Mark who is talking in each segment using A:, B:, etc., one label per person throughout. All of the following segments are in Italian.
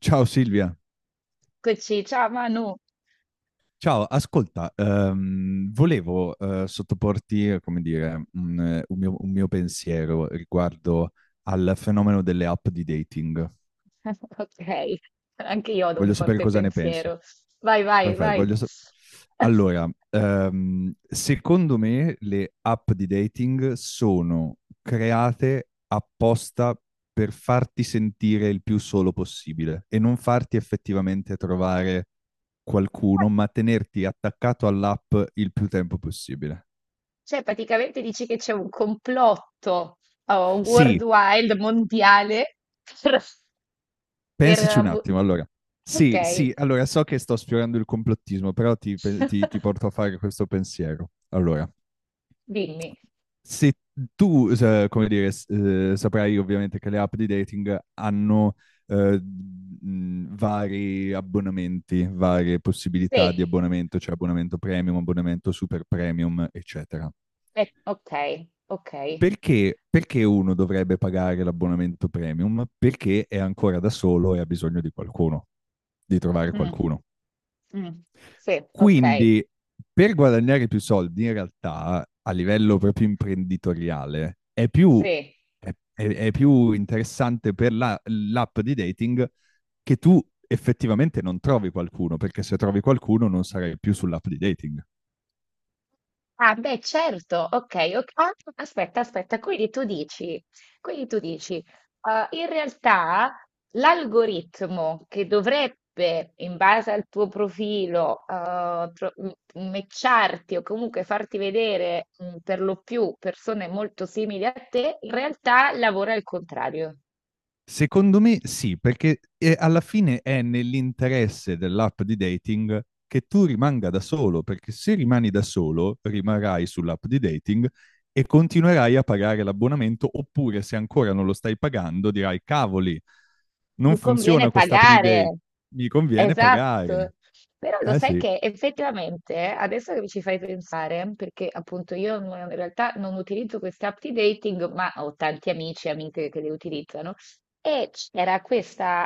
A: Ciao Silvia,
B: Eccoci, ciao Manu.
A: ciao, ascolta, volevo sottoporti, come dire, un mio pensiero riguardo al fenomeno delle app di dating.
B: Ok, anche io ho un
A: Voglio sapere
B: forte
A: cosa ne pensi.
B: pensiero. Vai, vai,
A: Perfetto,
B: vai.
A: allora, secondo me le app di dating sono create apposta per farti sentire il più solo possibile e non farti effettivamente trovare qualcuno, ma tenerti attaccato all'app il più tempo possibile.
B: Cioè, praticamente dici che c'è un complotto oh,
A: Sì,
B: worldwide, mondiale, per... per
A: pensaci un
B: abu-
A: attimo, allora.
B: ok,
A: Sì, sì, allora so che sto sfiorando il complottismo, però ti porto a fare questo pensiero. Allora,
B: dimmi.
A: se tu, come dire, saprai ovviamente che le app di dating hanno vari abbonamenti, varie possibilità di
B: Sì,
A: abbonamento, cioè abbonamento premium, abbonamento super premium, eccetera.
B: ok, ok.
A: Perché uno dovrebbe pagare l'abbonamento premium? Perché è ancora da solo e ha bisogno di qualcuno, di trovare
B: Mm,
A: qualcuno.
B: mm, sì, ok,
A: Quindi per guadagnare più soldi, in realtà, a livello proprio imprenditoriale, è più,
B: sì.
A: è più interessante per l'app di dating che tu effettivamente non trovi qualcuno, perché se trovi qualcuno non sarai più sull'app di dating.
B: Ah beh certo, okay, ok. Ah, aspetta, aspetta, quindi tu dici, quindi tu dici, in realtà l'algoritmo che dovrebbe, in base al tuo profilo, tro m matcharti o comunque farti vedere, per lo più persone molto simili a te, in realtà lavora al contrario.
A: Secondo me sì, perché alla fine è nell'interesse dell'app di dating che tu rimanga da solo, perché se rimani da solo rimarrai sull'app di dating e continuerai a pagare l'abbonamento, oppure se ancora non lo stai pagando dirai cavoli, non
B: Mi conviene
A: funziona quest'app di dating,
B: pagare.
A: mi conviene pagare.
B: Esatto. Però lo
A: Eh
B: sai
A: sì,
B: che effettivamente, adesso che mi ci fai pensare, perché appunto io non- in realtà non utilizzo queste app di dating, ma ho tanti amici e amiche che le utilizzano. E c'era questa,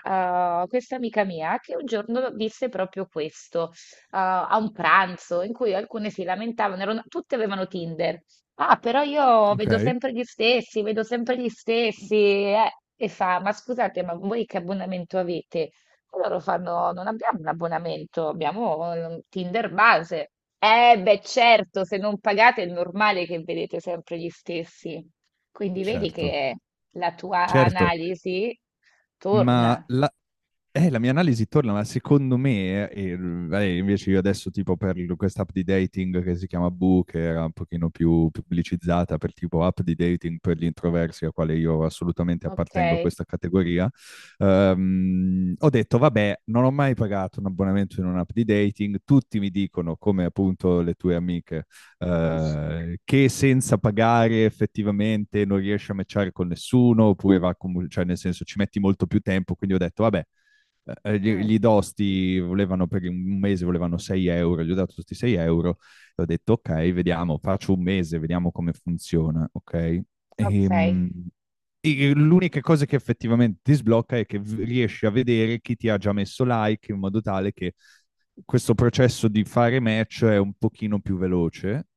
B: eh, questa amica mia che un giorno disse proprio questo, a un pranzo in cui alcune si lamentavano, tutte avevano Tinder. Ah, però io vedo
A: ok,
B: sempre gli stessi, vedo sempre gli stessi, eh. E fa, ma scusate, ma voi che abbonamento avete? E loro fanno, non abbiamo un abbonamento, abbiamo Tinder base. Beh, certo, se non pagate è normale che vedete sempre gli stessi. Quindi vedi
A: certo,
B: che la tua
A: certo.
B: analisi
A: Ma
B: torna.
A: la- la mia analisi torna, ma secondo me, invece io adesso tipo per quest'app di dating che si chiama Boo, che era un pochino più pubblicizzata per tipo app di dating per gli introversi, a quale io assolutamente
B: Ok.
A: appartengo a questa categoria. Ho detto, vabbè, non ho mai pagato un abbonamento in un'app di dating, tutti mi dicono, come appunto le tue amiche, che senza pagare effettivamente non riesci a matchare con nessuno, oppure va, cioè nel senso ci metti molto più tempo, quindi ho detto, vabbè,
B: Mm,
A: gli dosti volevano per un mese volevano 6 euro, gli ho dato questi 6 € e ho detto ok, vediamo, faccio un mese, vediamo come funziona, ok?
B: ok,
A: E, mm, e l'unica cosa che effettivamente ti sblocca è che riesci a vedere chi ti ha già messo like in modo tale che questo processo di fare match è un pochino più veloce,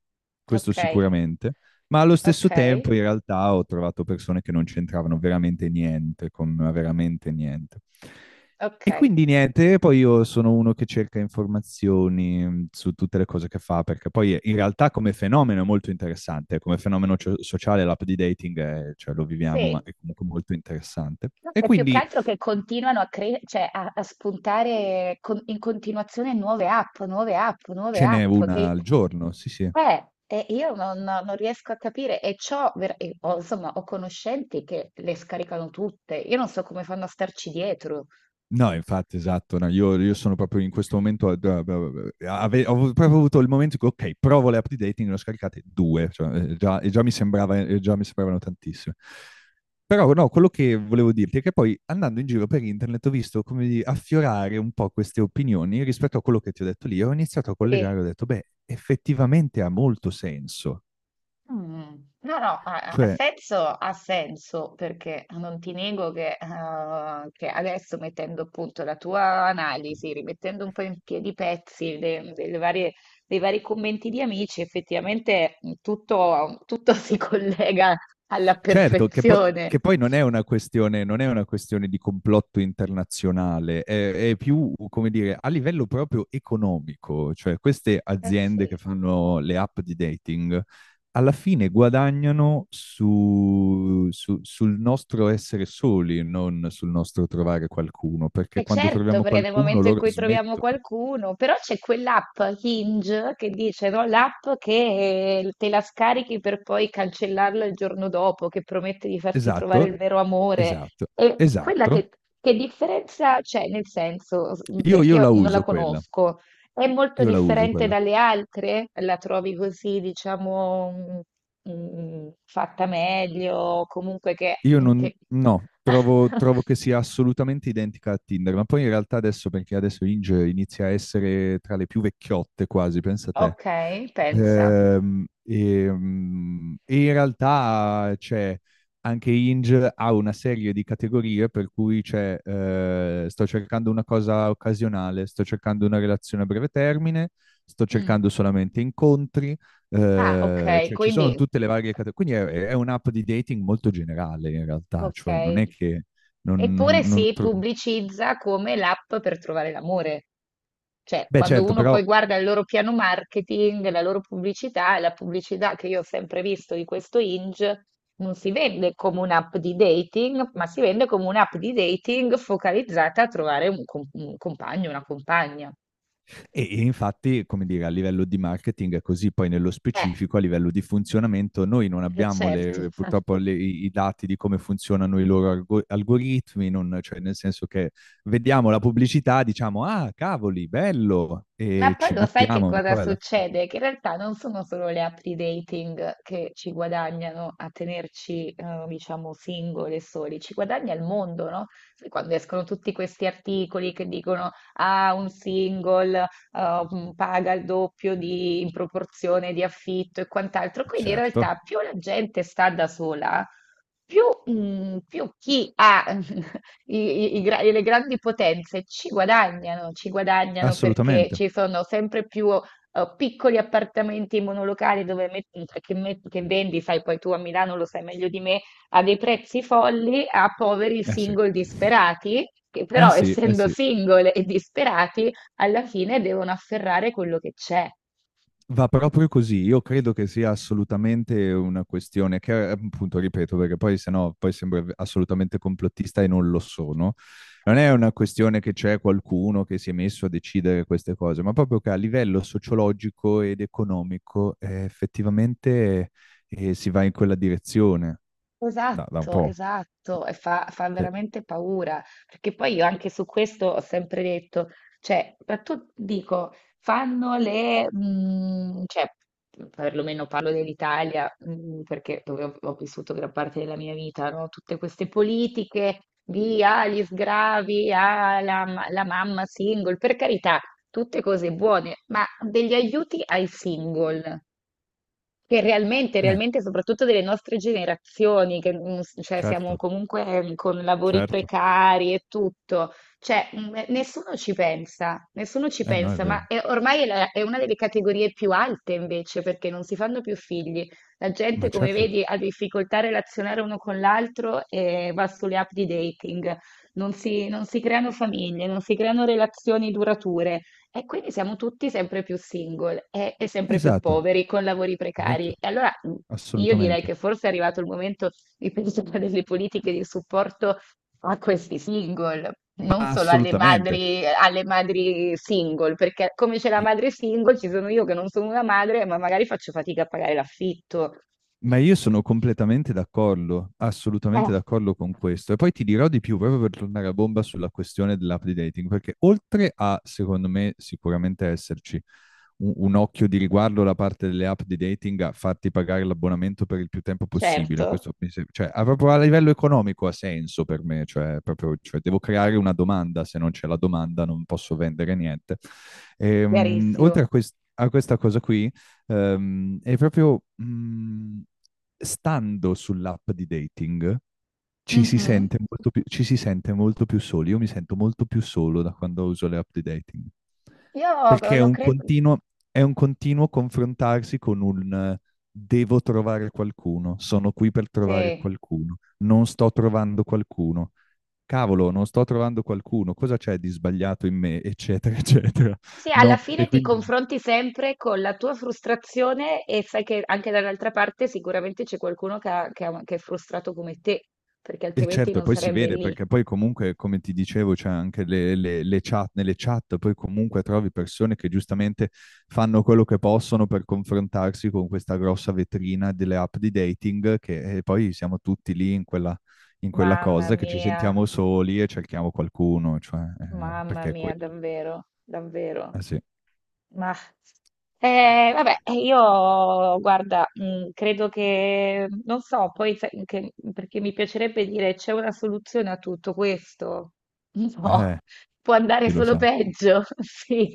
A: questo
B: ok,
A: sicuramente, ma allo stesso
B: ok,
A: tempo in realtà ho trovato persone che non c'entravano veramente niente, con veramente niente. E
B: ok.
A: quindi niente, poi io sono uno che cerca informazioni su tutte le cose che fa, perché poi in realtà come fenomeno è molto interessante, come fenomeno sociale l'app di dating cioè, lo viviamo, ma
B: Sì.
A: è comunque molto interessante.
B: No,
A: E
B: è più che
A: quindi
B: altro che continuano a, cioè a, spuntare in continuazione nuove app, nuove app, nuove
A: ce n'è
B: app,
A: una
B: che
A: al giorno, sì sì.
B: e io non riesco a capire. E ciò, ho, insomma, ho conoscenti che le scaricano tutte. Io non so come fanno a starci dietro.
A: No, infatti, esatto, no, io sono proprio in questo momento, ho proprio avuto il momento in cui, ok, provo le app di dating, ne ho scaricate due, cioè, già, e già mi sembrava, già mi sembravano tantissime. Però no, quello che volevo dirti è che poi andando in giro per internet ho visto come affiorare un po' queste opinioni rispetto a quello che ti ho detto lì, ho iniziato a
B: Sì.
A: collegare, ho detto, beh, effettivamente ha molto senso.
B: Mm. No, no, ha
A: Cioè,
B: senso, ha senso, perché non ti nego che, adesso mettendo appunto la tua analisi, rimettendo un po' in piedi i pezzi dei vari commenti di amici, effettivamente tutto si collega alla
A: certo, che
B: perfezione.
A: poi non è una questione, non è una questione di complotto internazionale, è più, come dire, a livello proprio economico, cioè queste
B: Eh
A: aziende che
B: sì.
A: fanno le app di dating alla fine guadagnano sul nostro essere soli, non sul nostro trovare qualcuno, perché
B: E
A: quando
B: certo,
A: troviamo
B: perché nel
A: qualcuno
B: momento in
A: loro
B: cui troviamo
A: smettono.
B: qualcuno, però c'è quell'app Hinge che dice, no, l'app che te la scarichi per poi cancellarla il giorno dopo, che promette di farti trovare
A: Esatto,
B: il vero amore.
A: esatto,
B: E quella
A: esatto.
B: che differenza c'è, nel senso, perché
A: Io
B: io
A: la
B: non la
A: uso quella,
B: conosco, è molto
A: io la uso
B: differente
A: quella.
B: dalle altre? La trovi così, diciamo, fatta meglio, comunque
A: Io non,
B: che...
A: no, trovo, trovo che sia assolutamente identica a Tinder, ma poi in realtà adesso, perché adesso Inge inizia a essere tra le più vecchiotte quasi, pensa te.
B: Ok, pensa.
A: E in realtà c'è anche Inge ha una serie di categorie per cui c'è sto cercando una cosa occasionale, sto cercando una relazione a breve termine, sto
B: Mm.
A: cercando solamente incontri,
B: Ah, ok,
A: cioè ci sono
B: quindi
A: tutte le varie categorie, quindi è un'app di dating molto generale in realtà, cioè non è
B: ok.
A: che
B: Eppure
A: non
B: si pubblicizza come l'app per trovare l'amore. Cioè,
A: beh,
B: quando
A: certo,
B: uno
A: però,
B: poi guarda il loro piano marketing, la loro pubblicità, e la pubblicità che io ho sempre visto di questo Hinge, non si vende come un'app di dating, ma si vende come un'app di dating focalizzata a trovare un compagno, una compagna.
A: e infatti, come dire, a livello di marketing è così, poi nello
B: Eh,
A: specifico, a livello di funzionamento, noi non abbiamo
B: certo.
A: purtroppo i dati di come funzionano i loro algoritmi, cioè nel senso che vediamo la pubblicità, diciamo, ah, cavoli, bello,
B: Ma
A: e
B: poi
A: ci
B: lo sai che
A: buttiamo, ma
B: cosa
A: poi alla fine,
B: succede? Che in realtà non sono solo le app di dating che ci guadagnano a tenerci, diciamo, singole e soli, ci guadagna il mondo, no? Sai quando escono tutti questi articoli che dicono, ah, un single, paga il doppio di, in proporzione di affitto e quant'altro. Quindi in realtà
A: certo,
B: più la gente sta da sola, più, più chi ha I- le grandi potenze ci guadagnano perché
A: assolutamente,
B: ci sono sempre più piccoli appartamenti monolocali dove che vendi, sai, poi tu a Milano lo sai meglio di me, a dei prezzi folli a poveri
A: eh sì.
B: single disperati, che
A: Eh
B: però
A: sì, eh
B: essendo
A: sì,
B: single e disperati, alla fine devono afferrare quello che c'è.
A: va proprio così. Io credo che sia assolutamente una questione che, appunto, ripeto, perché poi se no poi sembra assolutamente complottista e non lo sono. Non è una questione che c'è qualcuno che si è messo a decidere queste cose, ma proprio che a livello sociologico ed economico effettivamente si va in quella direzione da, da un
B: Esatto,
A: po'.
B: esatto, e fa
A: Sì.
B: veramente paura, perché poi io anche su questo ho sempre detto, cioè, ma tu dico, fanno le, cioè, perlomeno parlo dell'Italia, perché dove ho vissuto gran parte della mia vita, no? Tutte queste politiche di ah, gli sgravi, ah, la mamma single, per carità, tutte cose buone, ma degli aiuti ai single. Che realmente,
A: Eh,
B: realmente, soprattutto delle nostre generazioni, che cioè, siamo
A: certo,
B: comunque con lavori
A: certo.
B: precari e tutto, cioè nessuno ci pensa, nessuno ci
A: Eh no, è
B: pensa, ma
A: vero.
B: ormai è, è una delle categorie più alte invece, perché non si fanno più figli. La gente,
A: Ma
B: come
A: certo,
B: vedi, ha difficoltà a relazionare uno con l'altro e va sulle app di dating, non si creano famiglie, non si creano relazioni durature. E quindi siamo tutti sempre più single sempre più
A: esatto,
B: poveri, con lavori precari.
A: esatto,
B: E allora io direi
A: assolutamente.
B: che forse è arrivato il momento di pensare a delle politiche di supporto a questi single, non
A: Ma
B: solo
A: assolutamente.
B: alle madri single, perché come c'è la
A: I-
B: madre single, ci sono io che non sono una madre, ma magari faccio fatica a pagare l'affitto.
A: Ma io sono completamente d'accordo,
B: Eh,
A: assolutamente d'accordo con questo. E poi ti dirò di più, proprio per tornare a bomba sulla questione dell'app di dating, perché oltre a, secondo me, sicuramente esserci un occhio di riguardo da parte delle app di dating a farti pagare l'abbonamento per il più tempo possibile,
B: certo,
A: questo mi cioè, a, proprio a livello economico ha senso per me, cioè, proprio, cioè, devo creare una domanda, se non c'è la domanda non posso vendere niente. Oltre a,
B: chiarissimo.
A: a questa cosa qui, e proprio stando sull'app di dating ci si
B: Mhm.
A: sente molto più, ci si sente molto più soli. Io mi sento molto più solo da quando uso le app di dating.
B: Io
A: Perché
B: lo credo,
A: è un continuo confrontarsi con un devo trovare qualcuno, sono qui per trovare
B: sì.
A: qualcuno, non sto trovando qualcuno. Cavolo, non sto trovando qualcuno, cosa c'è di sbagliato in me, eccetera, eccetera.
B: Sì, alla
A: No, e
B: fine ti
A: quindi
B: confronti sempre con la tua frustrazione e sai che anche dall'altra parte sicuramente c'è qualcuno che, che è frustrato come te, perché
A: e
B: altrimenti
A: certo, e
B: non
A: poi si
B: sarebbe
A: vede
B: lì.
A: perché poi comunque, come ti dicevo, c'è anche le chat, nelle chat poi comunque trovi persone che giustamente fanno quello che possono per confrontarsi con questa grossa vetrina delle app di dating che e poi siamo tutti lì in quella
B: Mamma
A: cosa che ci
B: mia,
A: sentiamo soli e cerchiamo qualcuno, cioè,
B: mamma
A: perché è
B: mia,
A: quello.
B: davvero, davvero.
A: Eh sì,
B: Ma vabbè, io guarda, credo che, non so, poi perché mi piacerebbe dire c'è una soluzione a tutto questo. No,
A: eh,
B: può andare
A: chi lo
B: solo
A: sa.
B: peggio, sì.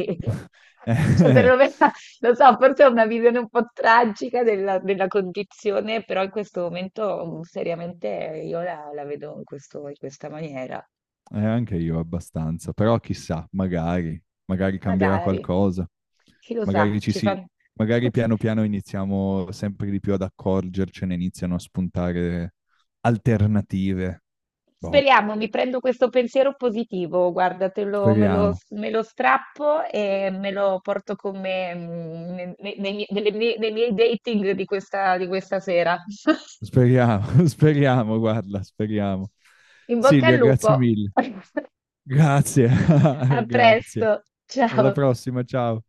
B: Cioè, perlomeno, lo so, forse è una visione un po' tragica della condizione, però in questo momento seriamente io la vedo in questa maniera.
A: Anche io abbastanza, però chissà, magari, magari cambierà
B: Magari,
A: qualcosa,
B: chi lo
A: magari
B: sa,
A: ci
B: ci
A: si,
B: fanno.
A: magari piano piano iniziamo sempre di più ad accorgercene, iniziano a spuntare alternative. Boh,
B: Speriamo, mi prendo questo pensiero positivo, guarda, te lo- me lo,
A: speriamo,
B: me lo strappo e me lo porto con me nei miei dating di questa sera.
A: speriamo, speriamo, guarda, speriamo.
B: In bocca al
A: Silvia,
B: lupo.
A: grazie mille. Grazie,
B: A presto,
A: grazie.
B: ciao.
A: Alla prossima, ciao.